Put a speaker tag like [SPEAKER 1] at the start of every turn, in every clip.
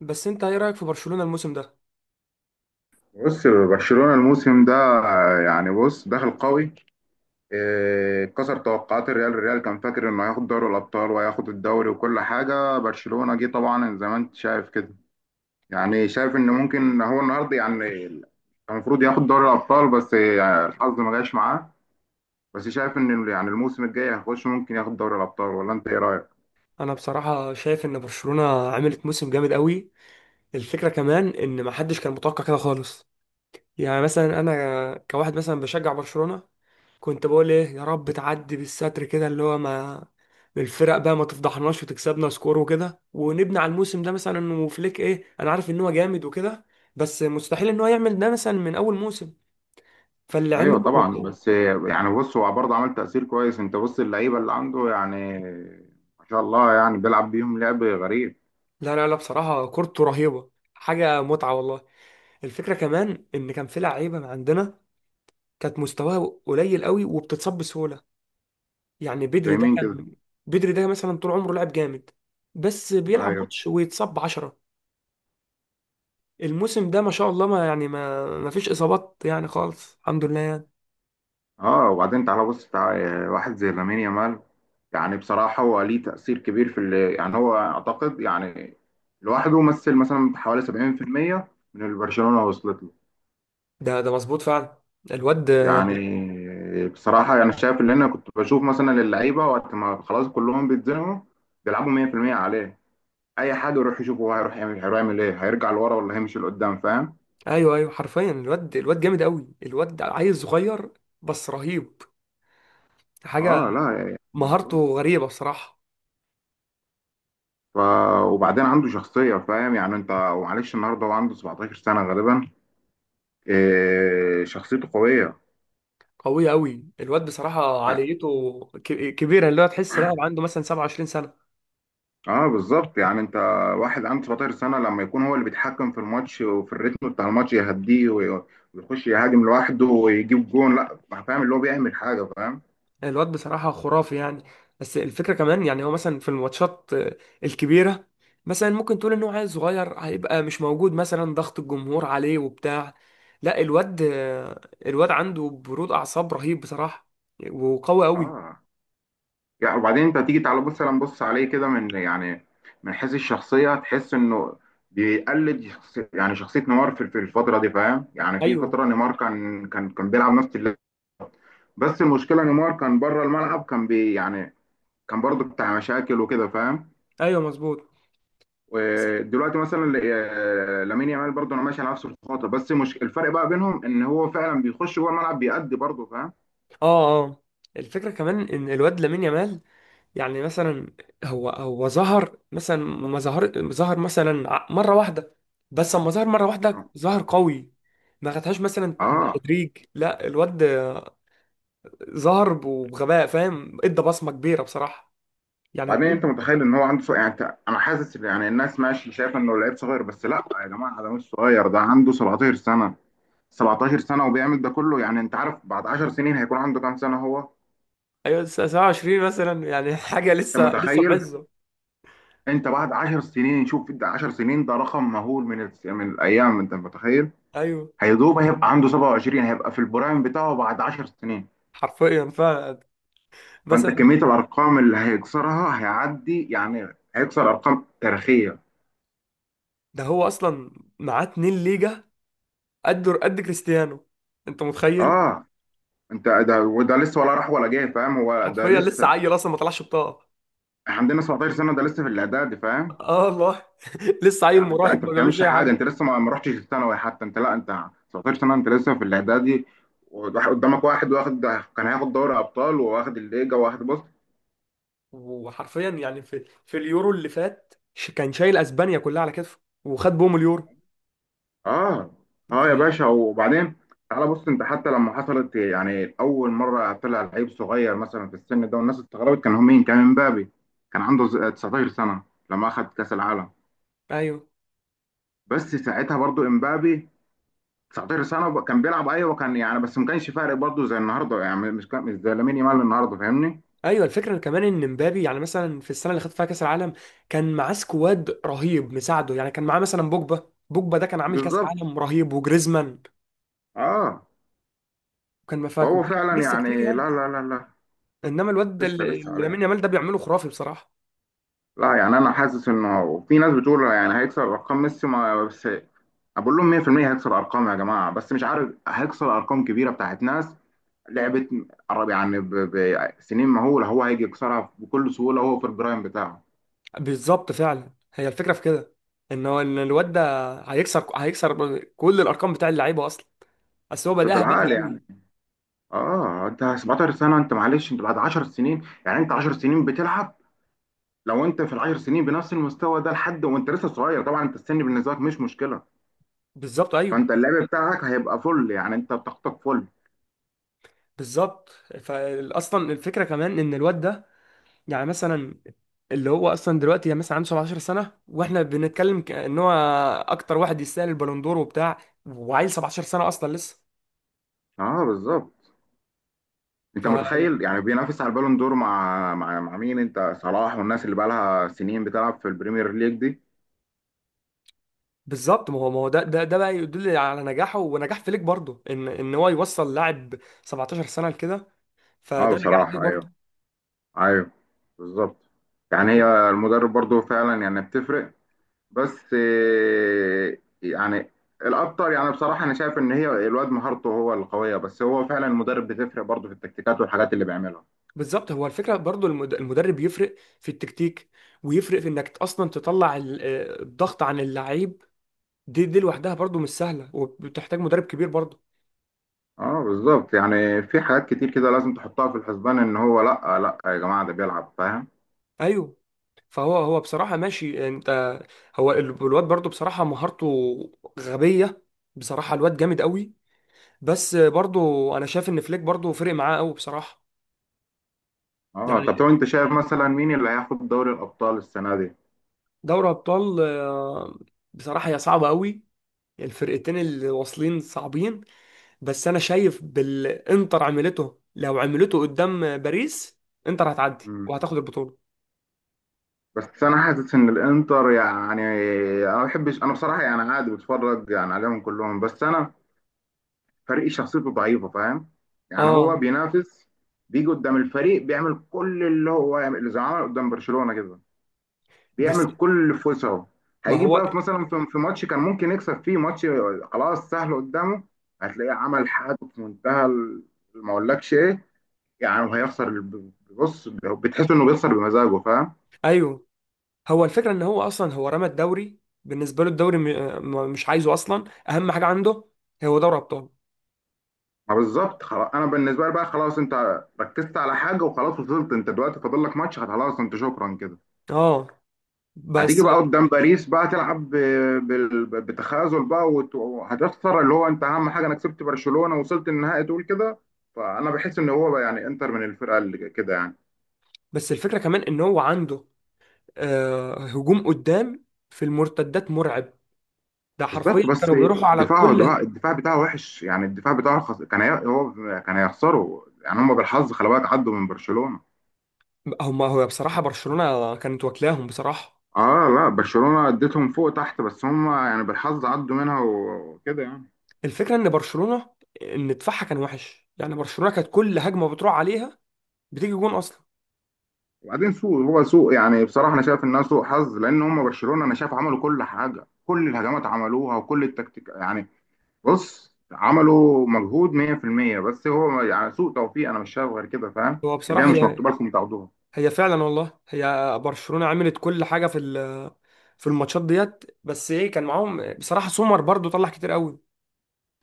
[SPEAKER 1] بس انت ايه رأيك في برشلونة الموسم ده؟
[SPEAKER 2] بص برشلونة الموسم ده. يعني بص داخل قوي. كسر توقعات الريال كان فاكر انه هياخد دوري الابطال وهياخد الدوري وكل حاجة. برشلونة جه طبعا زي ما انت شايف كده. يعني شايف ان ممكن هو النهارده يعني كان المفروض ياخد دوري الابطال، بس يعني الحظ ما جاش معاه. بس شايف ان يعني الموسم الجاي هيخش ممكن ياخد دوري الابطال، ولا انت ايه رايك؟
[SPEAKER 1] انا بصراحة شايف ان برشلونة عملت موسم جامد قوي. الفكرة كمان ان ما حدش كان متوقع كده خالص. يعني مثلا انا كواحد مثلا بشجع برشلونة، كنت بقول ايه يا رب تعدي بالستر كده اللي هو ما... الفرق بقى ما تفضحناش وتكسبنا سكور وكده ونبني على الموسم ده، مثلا انه فليك، ايه انا عارف ان هو جامد وكده، بس مستحيل ان هو يعمل ده مثلا من اول موسم. فاللي
[SPEAKER 2] ايوه
[SPEAKER 1] عمله...
[SPEAKER 2] طبعا، بس يعني بص هو برضه عمل تأثير كويس. انت بص اللعيبة اللي عنده، يعني ما شاء الله يعني بيلعب بيهم لعب غريب.
[SPEAKER 1] لا لا لا بصراحة كورته رهيبة، حاجة متعة والله. الفكرة كمان إن كان في لعيبة عندنا كانت مستواها قليل قوي وبتتصاب بسهولة. يعني بدري
[SPEAKER 2] زي
[SPEAKER 1] ده
[SPEAKER 2] مين كده؟
[SPEAKER 1] كان، بدري ده مثلا طول عمره لاعب جامد، بس بيلعب
[SPEAKER 2] ايوه.
[SPEAKER 1] ماتش ويتصاب بعشرة. الموسم ده ما شاء الله، ما يعني ما فيش إصابات يعني خالص، الحمد لله يعني.
[SPEAKER 2] اه، وبعدين تعالى بص، تعالى واحد زي لامين يامال. يعني بصراحه هو ليه تاثير كبير في اللي يعني هو اعتقد يعني لوحده مثلا حوالي 70% من اللي برشلونه وصلت له.
[SPEAKER 1] ده مظبوط فعلا. الواد...
[SPEAKER 2] يعني بصراحه يعني شايف اللي انا كنت بشوف مثلا اللعيبه وقت ما خلاص كلهم بيتزنقوا بيلعبوا 100% عليه. اي حد يروح يشوفه هو هيروح يعمل ايه، هيرجع لورا ولا هيمشي لقدام، فاهم؟
[SPEAKER 1] أيوه أيوه حرفيا الواد جامد قوي، الواد عيل صغير بس رهيب، حاجة،
[SPEAKER 2] اه لا. يعني
[SPEAKER 1] مهارته
[SPEAKER 2] بص.
[SPEAKER 1] غريبة بصراحة.
[SPEAKER 2] ف... وبعدين عنده شخصية، فاهم يعني، انت ومعلش النهارده هو عنده 17 سنة غالبا. شخصيته قوية.
[SPEAKER 1] قوية قوي الواد بصراحة، عاليته كبيرة، اللي هو تحس لاعب عنده مثلا 27 سنة.
[SPEAKER 2] اه بالظبط. يعني انت واحد عنده 17 سنة لما يكون هو اللي بيتحكم في الماتش وفي الريتم بتاع الماتش يهديه ويخش يهاجم لوحده ويجيب جون، لا فاهم اللي هو بيعمل حاجة، فاهم.
[SPEAKER 1] الواد بصراحة خرافي يعني. بس الفكرة كمان يعني هو مثلا في الماتشات الكبيرة، مثلا ممكن تقول ان هو عيل صغير هيبقى مش موجود مثلا، ضغط الجمهور عليه وبتاع. لا الواد الواد عنده برود أعصاب رهيب بصراحة، وقوي قوي.
[SPEAKER 2] اه. يعني وبعدين انت تيجي تعالى بص سلام بص عليه كده من يعني من حيث الشخصيه تحس انه بيقلد شخص، يعني شخصيه نيمار في الفتره دي فاهم يعني. في
[SPEAKER 1] ايوه
[SPEAKER 2] فتره نيمار كان بيلعب نفس اللعب. بس المشكله نيمار كان بره الملعب، كان يعني كان برضه بتاع مشاكل وكده فاهم.
[SPEAKER 1] ايوه مظبوط.
[SPEAKER 2] ودلوقتي مثلا لامين يامال برضه انا ماشي على نفس الخطه، بس مش الفرق بقى بينهم ان هو فعلا بيخش جوه الملعب، بيأدي برضه فاهم.
[SPEAKER 1] اه اه. الفكرة كمان ان الواد لامين يامال، يعني مثلا هو ظهر مثلا، ما ظهر مثلا مره واحده، بس اما ظهر مره واحده ظهر قوي، ما خدهاش مثلا
[SPEAKER 2] اه،
[SPEAKER 1] بالتدريج، لا الواد ظهر بغباء فاهم، ادى بصمه كبيره بصراحه. يعني
[SPEAKER 2] وبعدين
[SPEAKER 1] كل...
[SPEAKER 2] انت متخيل ان هو عنده صغير. يعني انا حاسس يعني الناس ماشي شايفه انه لعيب صغير، بس لا يا جماعه، ده مش صغير، ده عنده 17 سنه. 17 سنه وبيعمل ده كله. يعني انت عارف بعد 10 سنين هيكون عنده كام سنه هو؟
[SPEAKER 1] ايوه 27 مثلا يعني حاجه
[SPEAKER 2] انت
[SPEAKER 1] لسه لسه
[SPEAKER 2] متخيل؟
[SPEAKER 1] بعزه.
[SPEAKER 2] انت بعد 10 سنين شوف ده، 10 سنين ده رقم مهول، من الايام. انت متخيل؟
[SPEAKER 1] ايوه
[SPEAKER 2] هيدوب هيبقى عنده 27، هيبقى في البرايم بتاعه بعد 10 سنين.
[SPEAKER 1] حرفيا فعلا.
[SPEAKER 2] فانت
[SPEAKER 1] مثلا
[SPEAKER 2] كميه الارقام اللي هيكسرها هيعدي يعني، هيكسر ارقام تاريخيه.
[SPEAKER 1] ده هو اصلا معاه 2 ليجا قد كريستيانو. انت متخيل.
[SPEAKER 2] اه. انت ده وده لسه، ولا راح ولا جاي، فاهم. هو ده
[SPEAKER 1] حرفيا لسه
[SPEAKER 2] لسه.
[SPEAKER 1] عيل اصلا ما طلعش بطاقه.
[SPEAKER 2] احنا عندنا 17 سنه، ده لسه في الاعداد فاهم.
[SPEAKER 1] اه والله لسه عيل
[SPEAKER 2] يعني انت
[SPEAKER 1] مراهق
[SPEAKER 2] انت ما
[SPEAKER 1] ما بيعملش
[SPEAKER 2] بتعملش
[SPEAKER 1] اي
[SPEAKER 2] حاجه.
[SPEAKER 1] حاجه.
[SPEAKER 2] انت لسه ما رحتش الثانوي حتى، انت لا، انت 17 سنه، انت لسه في الاعدادي. قدامك واحد واخد، كان هياخد دوري ابطال وواخد الليجا، واخد بص.
[SPEAKER 1] وحرفيا يعني في اليورو اللي فات كان شايل اسبانيا كلها على كتفه وخد بهم اليورو.
[SPEAKER 2] اه.
[SPEAKER 1] ف...
[SPEAKER 2] اه يا باشا، وبعدين تعالى بص، انت حتى لما حصلت يعني اول مره طلع لعيب صغير مثلا في السن ده والناس استغربت، كان هو مين؟ كان امبابي. كان عنده 19 سنه لما اخد كاس العالم.
[SPEAKER 1] ايوه
[SPEAKER 2] بس ساعتها برضو امبابي 19 سنه وب- كان بيلعب، ايوه كان يعني، بس ما كانش فارق برضه زي النهارده يعني. مش زي لامين يامال النهارده، فاهمني.
[SPEAKER 1] ايوه الفكره كمان ان مبابي يعني مثلا في السنه اللي خد فيها كاس العالم، كان معاه سكواد رهيب مساعده يعني، كان معاه مثلا بوجبا، بوجبا ده كان عامل كاس
[SPEAKER 2] بالظبط.
[SPEAKER 1] عالم رهيب، وجريزمان،
[SPEAKER 2] اه.
[SPEAKER 1] وكان مفاك،
[SPEAKER 2] فهو
[SPEAKER 1] وكان
[SPEAKER 2] فعلا
[SPEAKER 1] لسه كتير
[SPEAKER 2] يعني. لا
[SPEAKER 1] يعني.
[SPEAKER 2] لا لا لا،
[SPEAKER 1] انما الواد ده
[SPEAKER 2] لسه
[SPEAKER 1] اللي-
[SPEAKER 2] لسه
[SPEAKER 1] اللي
[SPEAKER 2] عليه.
[SPEAKER 1] لامين يامال ده بيعمله خرافي بصراحه.
[SPEAKER 2] لا يعني انا حاسس انه في ناس بتقول يعني هيكسر ارقام ميسي، ما بس بقول لهم 100% هيكسر ارقام يا جماعه، بس مش عارف هيكسر ارقام كبيره بتاعت ناس لعبت قرب يعني بسنين مهوله. هو هيجي يكسرها بكل سهوله، هو في البرايم بتاعه
[SPEAKER 1] بالظبط فعلا هي الفكره في كده، ان هو ان الواد ده هيكسر كل الارقام بتاع اللعيبه اصلا، بس هو بداها بدري
[SPEAKER 2] بالعقل يعني.
[SPEAKER 1] قوي.
[SPEAKER 2] اه، انت 17 سنه، انت معلش، انت بعد 10 سنين، يعني انت 10 سنين بتلعب. لو انت في ال 10 سنين بنفس المستوى ده لحد وانت لسه صغير، طبعا انت السن بالنسبه لك مش مشكله.
[SPEAKER 1] بالظبط ايوه.
[SPEAKER 2] فانت اللعب بتاعك هيبقى فل، يعني انت طاقتك فل.
[SPEAKER 1] بالظبط. فاصلا الفكره كمان ان الواد ده، يعني مثلا اللي هو اصلا دلوقتي يعني مثلا عنده 17 سنه، واحنا بنتكلم ك- ان هو اكتر واحد يستاهل البالوندور وبتاع، وعيل 17 سنه اصلا لسه.
[SPEAKER 2] اه بالظبط. انت متخيل يعني بينافس على البالون دور مع مين؟ انت صلاح والناس اللي بقى لها سنين بتلعب في البريمير ليج دي.
[SPEAKER 1] فبالظبط ما هو ده بقى يدل على نجاحه ونجاح فليك برضه، ان هو يوصل لاعب 17 سنه لكده،
[SPEAKER 2] اه
[SPEAKER 1] فده نجاح ليه
[SPEAKER 2] بصراحه
[SPEAKER 1] برضه.
[SPEAKER 2] ايوه. ايوه. بالظبط. يعني
[SPEAKER 1] بك-
[SPEAKER 2] هي المدرب برضو فعلا يعني بتفرق. بس يعني الاكتر يعني بصراحه انا شايف ان هي الواد مهارته هو القويه، بس هو فعلا المدرب بتفرق برضه في التكتيكات والحاجات اللي بيعملها.
[SPEAKER 1] بالظبط. هو الفكره برضو المدرب يفرق في التكتيك، ويفرق في انك اصلا تطلع الضغط عن اللعيب. دي لوحدها برضو مش سهله وبتحتاج مدرب كبير برضو.
[SPEAKER 2] اه بالظبط، يعني في حاجات كتير كده لازم تحطها في الحسبان ان هو لا لا يا جماعه ده بيلعب فاهم.
[SPEAKER 1] ايوه. فهو هو بصراحه ماشي انت، هو ال- الواد برضو بصراحه مهارته غبيه بصراحه، الواد جامد قوي، بس برضو انا شايف ان فليك برضو فرق معاه قوي بصراحه.
[SPEAKER 2] اه
[SPEAKER 1] يعني
[SPEAKER 2] طب طب انت شايف مثلا مين اللي هياخد دوري الابطال السنه دي؟
[SPEAKER 1] دوري ابطال بصراحه هي صعبه قوي، الفرقتين اللي واصلين صعبين، بس انا شايف بالانتر عملته، لو عملته قدام باريس انتر هتعدي
[SPEAKER 2] مم.
[SPEAKER 1] وهتاخد البطوله.
[SPEAKER 2] بس انا حاسس ان الانتر يعني انا ما بحبش. انا بصراحه يعني عادي بتفرج يعني عليهم كلهم، بس انا فريق شخصيته ضعيفه فاهم. يعني هو
[SPEAKER 1] اه
[SPEAKER 2] بينافس، بيجي قدام الفريق بيعمل كل اللي هو يعمل، اللي زي ما عمل قدام برشلونه كده.
[SPEAKER 1] بس
[SPEAKER 2] بيعمل كل اللي في وسعه.
[SPEAKER 1] ما
[SPEAKER 2] هيجي
[SPEAKER 1] هو
[SPEAKER 2] بقى في مثلا، في ماتش كان ممكن يكسب فيه ماتش خلاص سهل قدامه، هتلاقيه عمل حاجه في منتهى ما اقولكش ايه يعني. وهيخسر بص بتحس انه بيخسر بمزاجه فاهم.
[SPEAKER 1] ايوه. هو الفكره ان هو اصلا هو رمى الدوري، بالنسبه له الدوري مش عايزه اصلا، اهم حاجه عنده هو دوري ابطال.
[SPEAKER 2] ما بالظبط. خلاص انا بالنسبه لي بقى خلاص، انت ركزت على حاجه وخلاص وصلت، انت دلوقتي فاضل لك ماتش خلاص، انت شكرا كده.
[SPEAKER 1] اه
[SPEAKER 2] هتيجي
[SPEAKER 1] بس.
[SPEAKER 2] بقى قدام باريس بقى تلعب بتخاذل بقى وهتخسر اللي هو انت اهم حاجه، انا كسبت برشلونه وصلت النهائي تقول كده. فانا بحس ان هو بقى يعني انتر من الفرقه اللي كده يعني.
[SPEAKER 1] بس الفكره كمان ان هو عنده آه هجوم قدام في المرتدات مرعب، ده
[SPEAKER 2] بالظبط
[SPEAKER 1] حرفيا
[SPEAKER 2] بس.
[SPEAKER 1] كانوا بيروحوا على
[SPEAKER 2] دفاعه
[SPEAKER 1] كل...
[SPEAKER 2] دفاع الدفاع بتاعه وحش، يعني الدفاع بتاعه هو كان هيخسروا يعني، هم بالحظ خلي بالك عدوا من برشلونه.
[SPEAKER 1] هم. هو بصراحه برشلونه كانت واكلاهم بصراحه.
[SPEAKER 2] اه لا، برشلونه اديتهم فوق تحت، بس هم يعني بالحظ عدوا منها وكده يعني.
[SPEAKER 1] الفكره ان برشلونه ان دفاعها كان وحش يعني، برشلونه كانت كل هجمه بتروح عليها بتيجي جون اصلا.
[SPEAKER 2] وبعدين سوء يعني بصراحه انا شايف انها سوء حظ. لان هم برشلونه انا شايف عملوا كل حاجه، كل الهجمات عملوها وكل التكتيك يعني. بص عملوا مجهود 100%، بس هو يعني سوء توفيق، انا مش شايف غير كده، فاهم
[SPEAKER 1] هو
[SPEAKER 2] اللي هي
[SPEAKER 1] بصراحه
[SPEAKER 2] مش
[SPEAKER 1] هي
[SPEAKER 2] مكتوبه لكم تاخدوها.
[SPEAKER 1] هي فعلا والله، هي برشلونه عملت كل حاجه في في الماتشات ديت، بس ايه كان معاهم بصراحه سومر برضو طلع كتير قوي،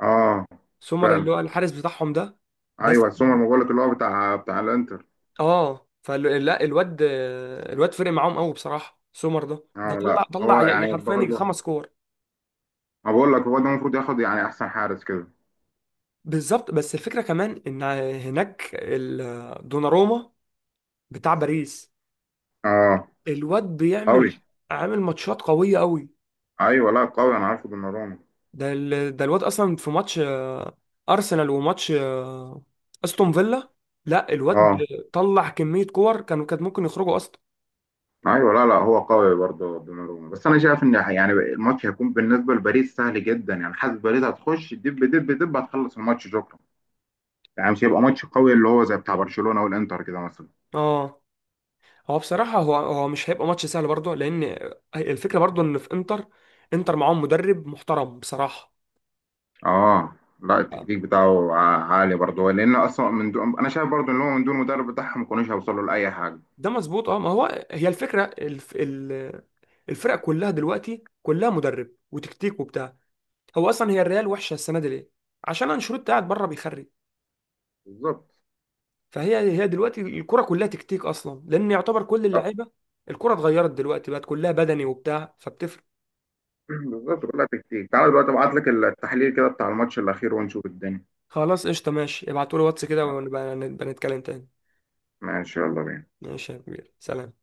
[SPEAKER 2] اه
[SPEAKER 1] سومر اللي
[SPEAKER 2] فعلا.
[SPEAKER 1] هو الحارس بتاعهم ده. بس.
[SPEAKER 2] ايوه سومر، ما بقول لك اللي هو بتاع الانتر.
[SPEAKER 1] اه فلا الواد فرق معاهم قوي بصراحه، سومر ده ده
[SPEAKER 2] اه
[SPEAKER 1] طلع
[SPEAKER 2] لا هو
[SPEAKER 1] طلع ي-
[SPEAKER 2] يعني
[SPEAKER 1] حرفيا يجي
[SPEAKER 2] برضه،
[SPEAKER 1] خمس كور.
[SPEAKER 2] ما بقول لك هو ده المفروض ياخد يعني احسن حارس كده.
[SPEAKER 1] بالظبط بس الفكره كمان ان هناك دوناروما بتاع باريس،
[SPEAKER 2] اه
[SPEAKER 1] الواد بيعمل،
[SPEAKER 2] قوي.
[SPEAKER 1] عامل ماتشات قوية قوي.
[SPEAKER 2] ايوه لا قوي، انا عارفه دوناروما.
[SPEAKER 1] ده الواد اصلا في ماتش ارسنال وماتش استون فيلا، لا الواد
[SPEAKER 2] اه.
[SPEAKER 1] طلع كمية كور كانوا كانت ممكن يخرجوا اصلا.
[SPEAKER 2] ايوه لا لا، هو قوي برضه دوناروما. بس انا شايف ان يعني الماتش هيكون بالنسبه لباريس سهل جدا يعني. حاسس باريس هتخش دب دب دب، هتخلص الماتش شكرا. يعني مش هيبقى ماتش قوي اللي هو زي بتاع برشلونه والانتر كده مثلا.
[SPEAKER 1] اه هو بصراحة هو مش هيبقى ماتش سهل برضه، لان الفكرة برضه ان في انتر، انتر معاهم مدرب محترم بصراحة.
[SPEAKER 2] اه لا، التكتيك بتاعه عالي برضه، لان اصلا من دون، انا شايف برضه ان هو من دون المدرب بتاعهم ما كانوش هيوصلوا لاي حاجه.
[SPEAKER 1] ده مظبوط. اه ما هو هي الفكرة الفرق كلها دلوقتي كلها مدرب وتكتيك وبتاع. هو اصلا هي الريال وحشه السنه دي ليه؟ عشان انشيلوتي قاعد بره بيخرب.
[SPEAKER 2] بالظبط.
[SPEAKER 1] فهي هي دلوقتي الكره كلها تكتيك اصلا، لان يعتبر كل
[SPEAKER 2] طب،
[SPEAKER 1] اللعيبه، الكره اتغيرت دلوقتي بقت كلها بدني وبتاع فبتفرق.
[SPEAKER 2] بالظبط كلها تكتيك. تعالى دلوقتي ابعت لك التحليل كده بتاع الماتش الاخير ونشوف الدنيا.
[SPEAKER 1] خلاص قشطه ماشي، ابعتوا لي واتس كده
[SPEAKER 2] يلا.
[SPEAKER 1] ونبقى نبقى نتكلم تاني.
[SPEAKER 2] ماشي يلا بينا.
[SPEAKER 1] ماشي يا كبير سلام.